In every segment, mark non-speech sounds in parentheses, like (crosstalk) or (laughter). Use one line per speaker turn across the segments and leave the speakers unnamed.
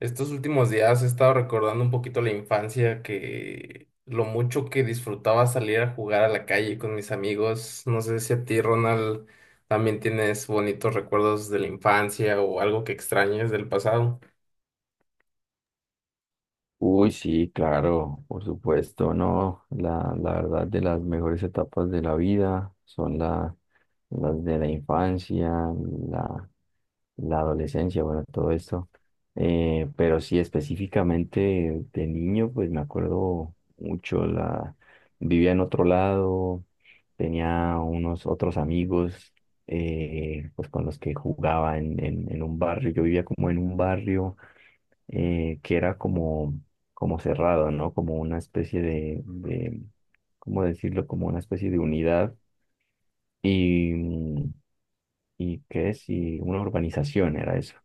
Estos últimos días he estado recordando un poquito la infancia, que lo mucho que disfrutaba salir a jugar a la calle con mis amigos. No sé si a ti, Ronald, también tienes bonitos recuerdos de la infancia o algo que extrañes del pasado.
Uy, sí, claro, por supuesto, no, la verdad de las mejores etapas de la vida son las de la infancia, la, la adolescencia, bueno, todo esto. Pero sí específicamente de niño, pues me acuerdo mucho, vivía en otro lado, tenía unos otros amigos, pues con los que jugaba en un barrio. Yo vivía como en un barrio que era como, como cerrado, ¿no? Como una especie de, ¿cómo decirlo? Como una especie de unidad y, y ¿qué es? Y una urbanización era eso.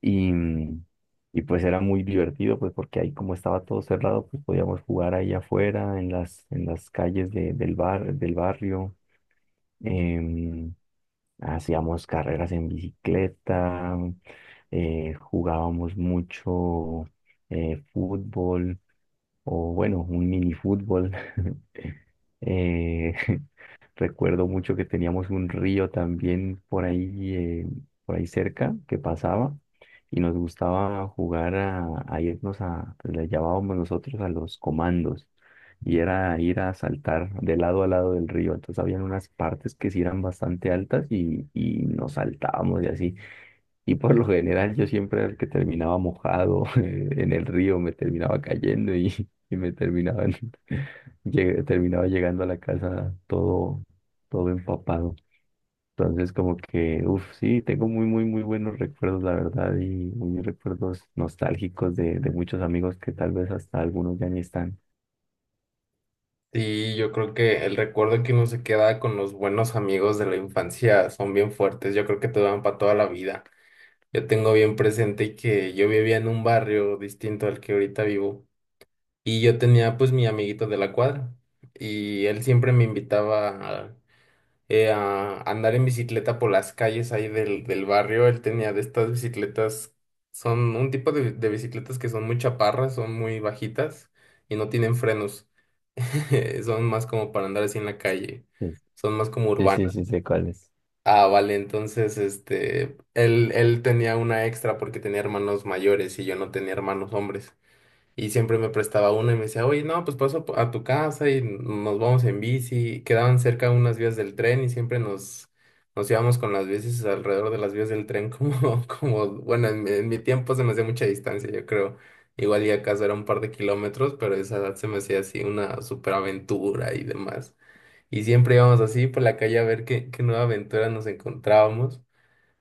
Y, y pues era muy divertido, pues porque ahí como estaba todo cerrado, pues podíamos jugar ahí afuera, en las calles del barrio. Em, Hacíamos carreras en bicicleta, jugábamos mucho fútbol o bueno, un mini fútbol. (laughs) Eh, (laughs) recuerdo mucho que teníamos un río también por ahí cerca que pasaba y nos gustaba jugar a irnos a, pues, le llamábamos nosotros a los comandos, y era ir a saltar de lado a lado del río. Entonces habían unas partes que sí eran bastante altas y nos saltábamos y así. Y por lo general yo siempre era el que terminaba mojado, (laughs) en el río, me terminaba cayendo y me terminaban, (laughs) terminaba llegando a la casa todo, todo empapado. Entonces como que, uff, sí, tengo muy, muy, muy buenos recuerdos, la verdad, y muy recuerdos nostálgicos de muchos amigos que tal vez hasta algunos ya ni están.
Sí, yo creo que el recuerdo que uno se queda con los buenos amigos de la infancia son bien fuertes. Yo creo que te van para toda la vida. Yo tengo bien presente que yo vivía en un barrio distinto al que ahorita vivo. Y yo tenía pues mi amiguito de la cuadra y él siempre me invitaba a andar en bicicleta por las calles ahí del barrio. Él tenía de estas bicicletas, son un tipo de bicicletas que son muy chaparras, son muy bajitas y no tienen frenos. (laughs) Son más como para andar así en la calle,
Sí,
son más como
sí, sí,
urbanas.
sí, sé cuáles.
Ah, vale, entonces este, él tenía una extra porque tenía hermanos mayores y yo no tenía hermanos hombres. Y siempre me prestaba uno y me decía, oye, no, pues paso a tu casa y nos vamos en bici. Quedaban cerca unas vías del tren y siempre nos íbamos con las bicis alrededor de las vías del tren, (laughs) como, como, bueno, en mi tiempo se me hacía mucha distancia, yo creo. Igual y acaso era un par de kilómetros, pero a esa edad se me hacía así una superaventura y demás. Y siempre íbamos así por la calle a ver qué nueva aventura nos encontrábamos.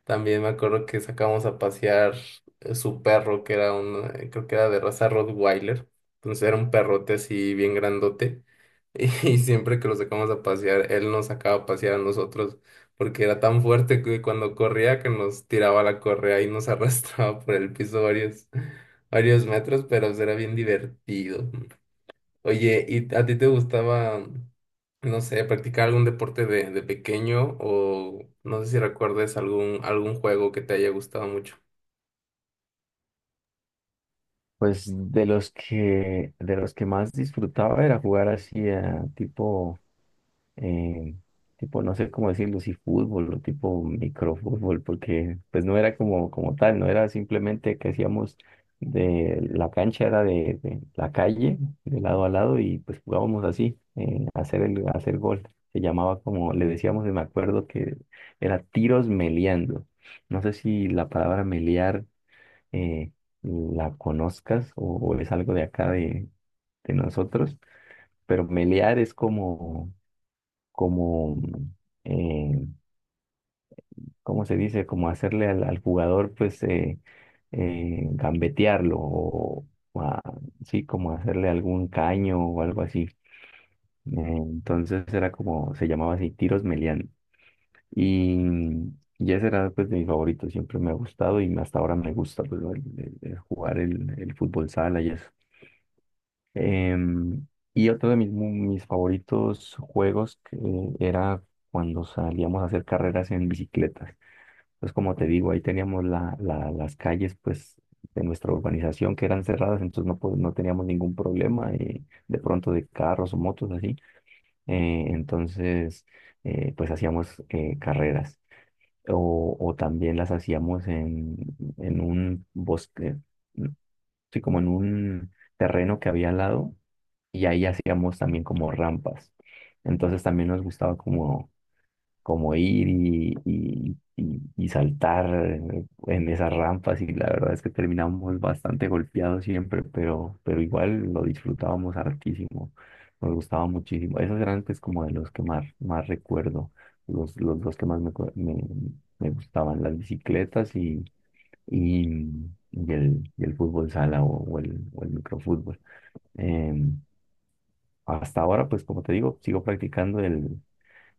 También me acuerdo que sacamos a pasear su perro, que era creo que era de raza Rottweiler. Entonces era un perrote así bien grandote. (laughs) Y siempre que lo sacamos a pasear, él nos sacaba a pasear a nosotros, porque era tan fuerte que cuando corría que nos tiraba la correa y nos (laughs) arrastraba por el piso varios metros, pero pues, era bien divertido. Oye, ¿y a ti te gustaba, no sé, practicar algún deporte de pequeño o no sé si recuerdes algún juego que te haya gustado mucho?
Pues de los que más disfrutaba era jugar así a tipo, eh, tipo, no sé cómo decirlo, si fútbol o tipo microfútbol, porque pues no era como, como tal, no era simplemente que hacíamos de la cancha, era de la calle, de lado a lado, y pues jugábamos así, hacer el, hacer gol. Se llamaba como, le decíamos, y me acuerdo que era tiros meleando. No sé si la palabra melear eh, la conozcas o es algo de acá de nosotros, pero melear es como como, eh, ¿cómo se dice? Como hacerle al, al jugador, pues, gambetearlo o, o a- sí, como hacerle algún caño o algo así. Entonces era como, se llamaba así, tiros melian. Y, y ese era, pues, de mis favoritos, siempre me ha gustado y hasta ahora me gusta, pues, el jugar el fútbol sala y eso. Em, y otro de mis, mis favoritos juegos que era cuando salíamos a hacer carreras en bicicletas. Entonces, como te digo, ahí teníamos las calles pues, de nuestra urbanización que eran cerradas, entonces no, no teníamos ningún problema, de pronto, de carros o motos así. Entonces, pues hacíamos carreras. O también las hacíamos en un bosque, sí, como en un terreno que había al lado, y ahí hacíamos también como rampas. Entonces también nos gustaba como, como ir y, y saltar en esas rampas, y la verdad es que terminábamos bastante golpeados siempre, pero igual lo disfrutábamos hartísimo, nos gustaba muchísimo. Esos eran pues como de los que más, más recuerdo, los dos que más me, me gustaban, las bicicletas y, y el fútbol sala o el microfútbol. Em, Hasta ahora, pues como te digo, sigo practicando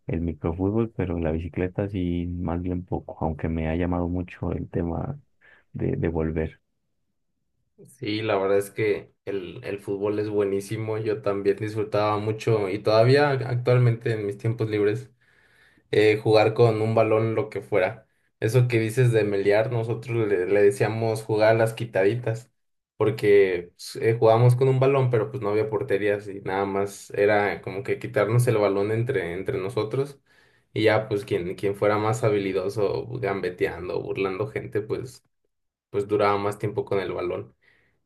el microfútbol, pero la bicicleta sí, más bien poco, aunque me ha llamado mucho el tema de volver.
Sí, la verdad es que el fútbol es buenísimo. Yo también disfrutaba mucho y todavía actualmente en mis tiempos libres, jugar con un balón, lo que fuera. Eso que dices de melear, nosotros le decíamos jugar a las quitaditas, porque pues, jugábamos con un balón, pero pues no había porterías y nada más era como que quitarnos el balón entre nosotros y ya pues quien fuera más habilidoso gambeteando, burlando gente, pues, pues duraba más tiempo con el balón.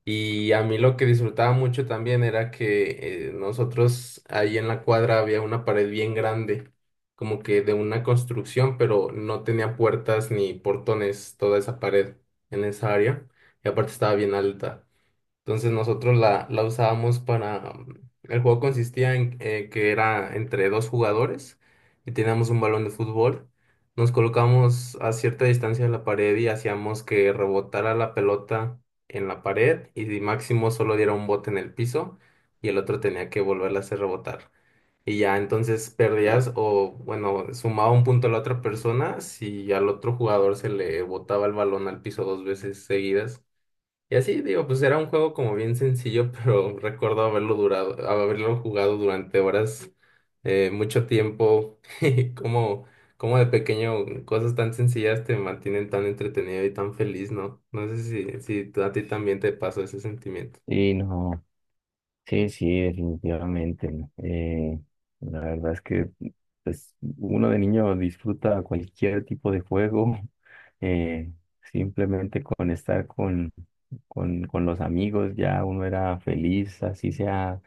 Y a mí lo que disfrutaba mucho también era que nosotros ahí en la cuadra había una pared bien grande, como que de una construcción, pero no tenía puertas ni portones toda esa pared en esa área. Y aparte estaba bien alta. Entonces nosotros la usábamos El juego consistía en que era entre dos jugadores y teníamos un balón de fútbol. Nos colocamos a cierta distancia de la pared y hacíamos que rebotara la pelota en la pared y si máximo solo diera un bote en el piso y el otro tenía que volverla a hacer rebotar. Y ya entonces perdías o, bueno, sumaba un punto a la otra persona si al otro jugador se le botaba el balón al piso dos veces seguidas. Y así, digo, pues era un juego como bien sencillo, pero (laughs) recuerdo haberlo jugado durante horas, mucho tiempo, (laughs) y como de pequeño, cosas tan sencillas te mantienen tan entretenido y tan feliz, ¿no? No sé si a ti también te pasó ese sentimiento.
Y no, sí, sí, definitivamente, ¿no? La verdad es que pues, uno de niño disfruta cualquier tipo de juego, (laughs) eh, simplemente con estar con los amigos, ya uno era feliz, así sea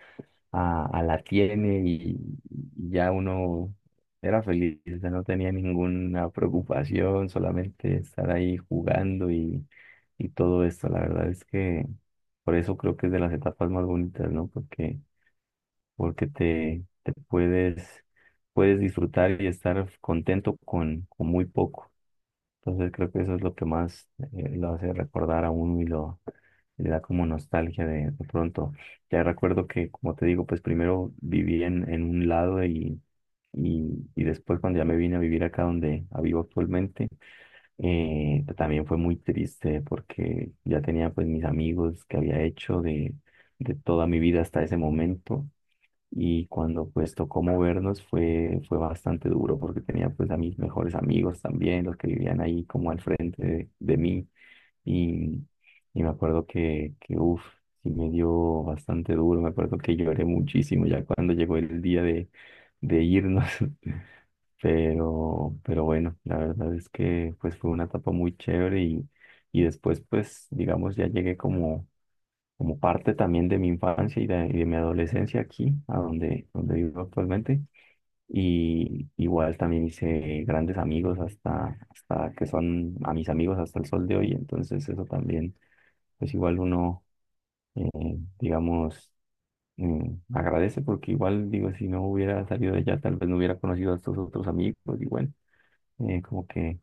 a la tiene, y ya uno era feliz, o sea, no tenía ninguna preocupación, solamente estar ahí jugando y todo esto. La verdad es que por eso creo que es de las etapas más bonitas, ¿no? Porque, porque te puedes, puedes disfrutar y estar contento con muy poco. Entonces creo que eso es lo que más, lo hace recordar a uno y lo, le da como nostalgia de pronto. Ya recuerdo que, como te digo, pues primero viví en un lado y después cuando ya me vine a vivir acá donde vivo actualmente, también fue muy triste porque ya tenía pues mis amigos que había hecho de toda mi vida hasta ese momento, y cuando pues tocó movernos fue, fue bastante duro porque tenía pues a mis mejores amigos también, los que vivían ahí como al frente de mí, y, y me acuerdo que uff, sí me dio bastante duro, me acuerdo que lloré muchísimo ya cuando llegó el día de irnos, (laughs) pero bueno, la verdad es que pues fue una etapa muy chévere y después pues digamos ya llegué como como parte también de mi infancia y de mi adolescencia aquí, a donde, donde vivo actualmente. Y igual también hice grandes amigos hasta, hasta que son a mis amigos hasta el sol de hoy. Entonces eso también, pues igual uno, eh, digamos, agradece porque igual digo, si no hubiera salido de allá, tal vez no hubiera conocido a estos otros amigos. Y bueno, como que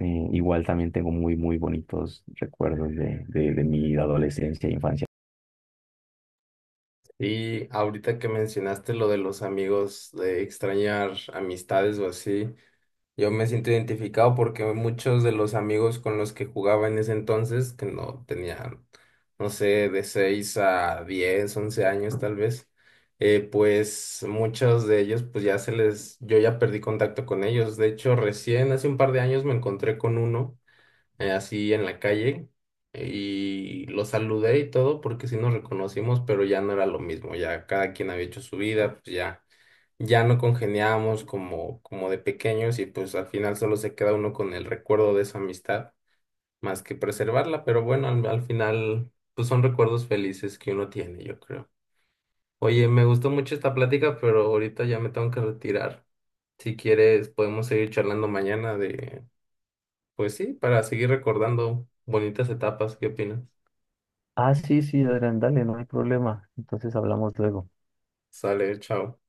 igual también tengo muy, muy bonitos recuerdos de mi adolescencia e infancia.
Y ahorita que mencionaste lo de los amigos, de extrañar amistades o así. Yo me siento identificado porque muchos de los amigos con los que jugaba en ese entonces, que no tenían, no sé, de 6 a 10, 11 años tal vez, pues muchos de ellos, pues yo ya perdí contacto con ellos. De hecho, recién hace un par de años me encontré con uno, así en la calle, y lo saludé y todo porque sí nos reconocimos, pero ya no era lo mismo, ya cada quien había hecho su vida, pues ya no congeniábamos como de pequeños y pues al final solo se queda uno con el recuerdo de esa amistad más que preservarla, pero bueno, al final pues son recuerdos felices que uno tiene, yo creo. Oye, me gustó mucho esta plática, pero ahorita ya me tengo que retirar. Si quieres, podemos seguir charlando mañana pues sí, para seguir recordando bonitas etapas. ¿Qué opinas?
Ah, sí, sí, Adrián, dale, no hay problema. Entonces hablamos luego.
Sale, chao.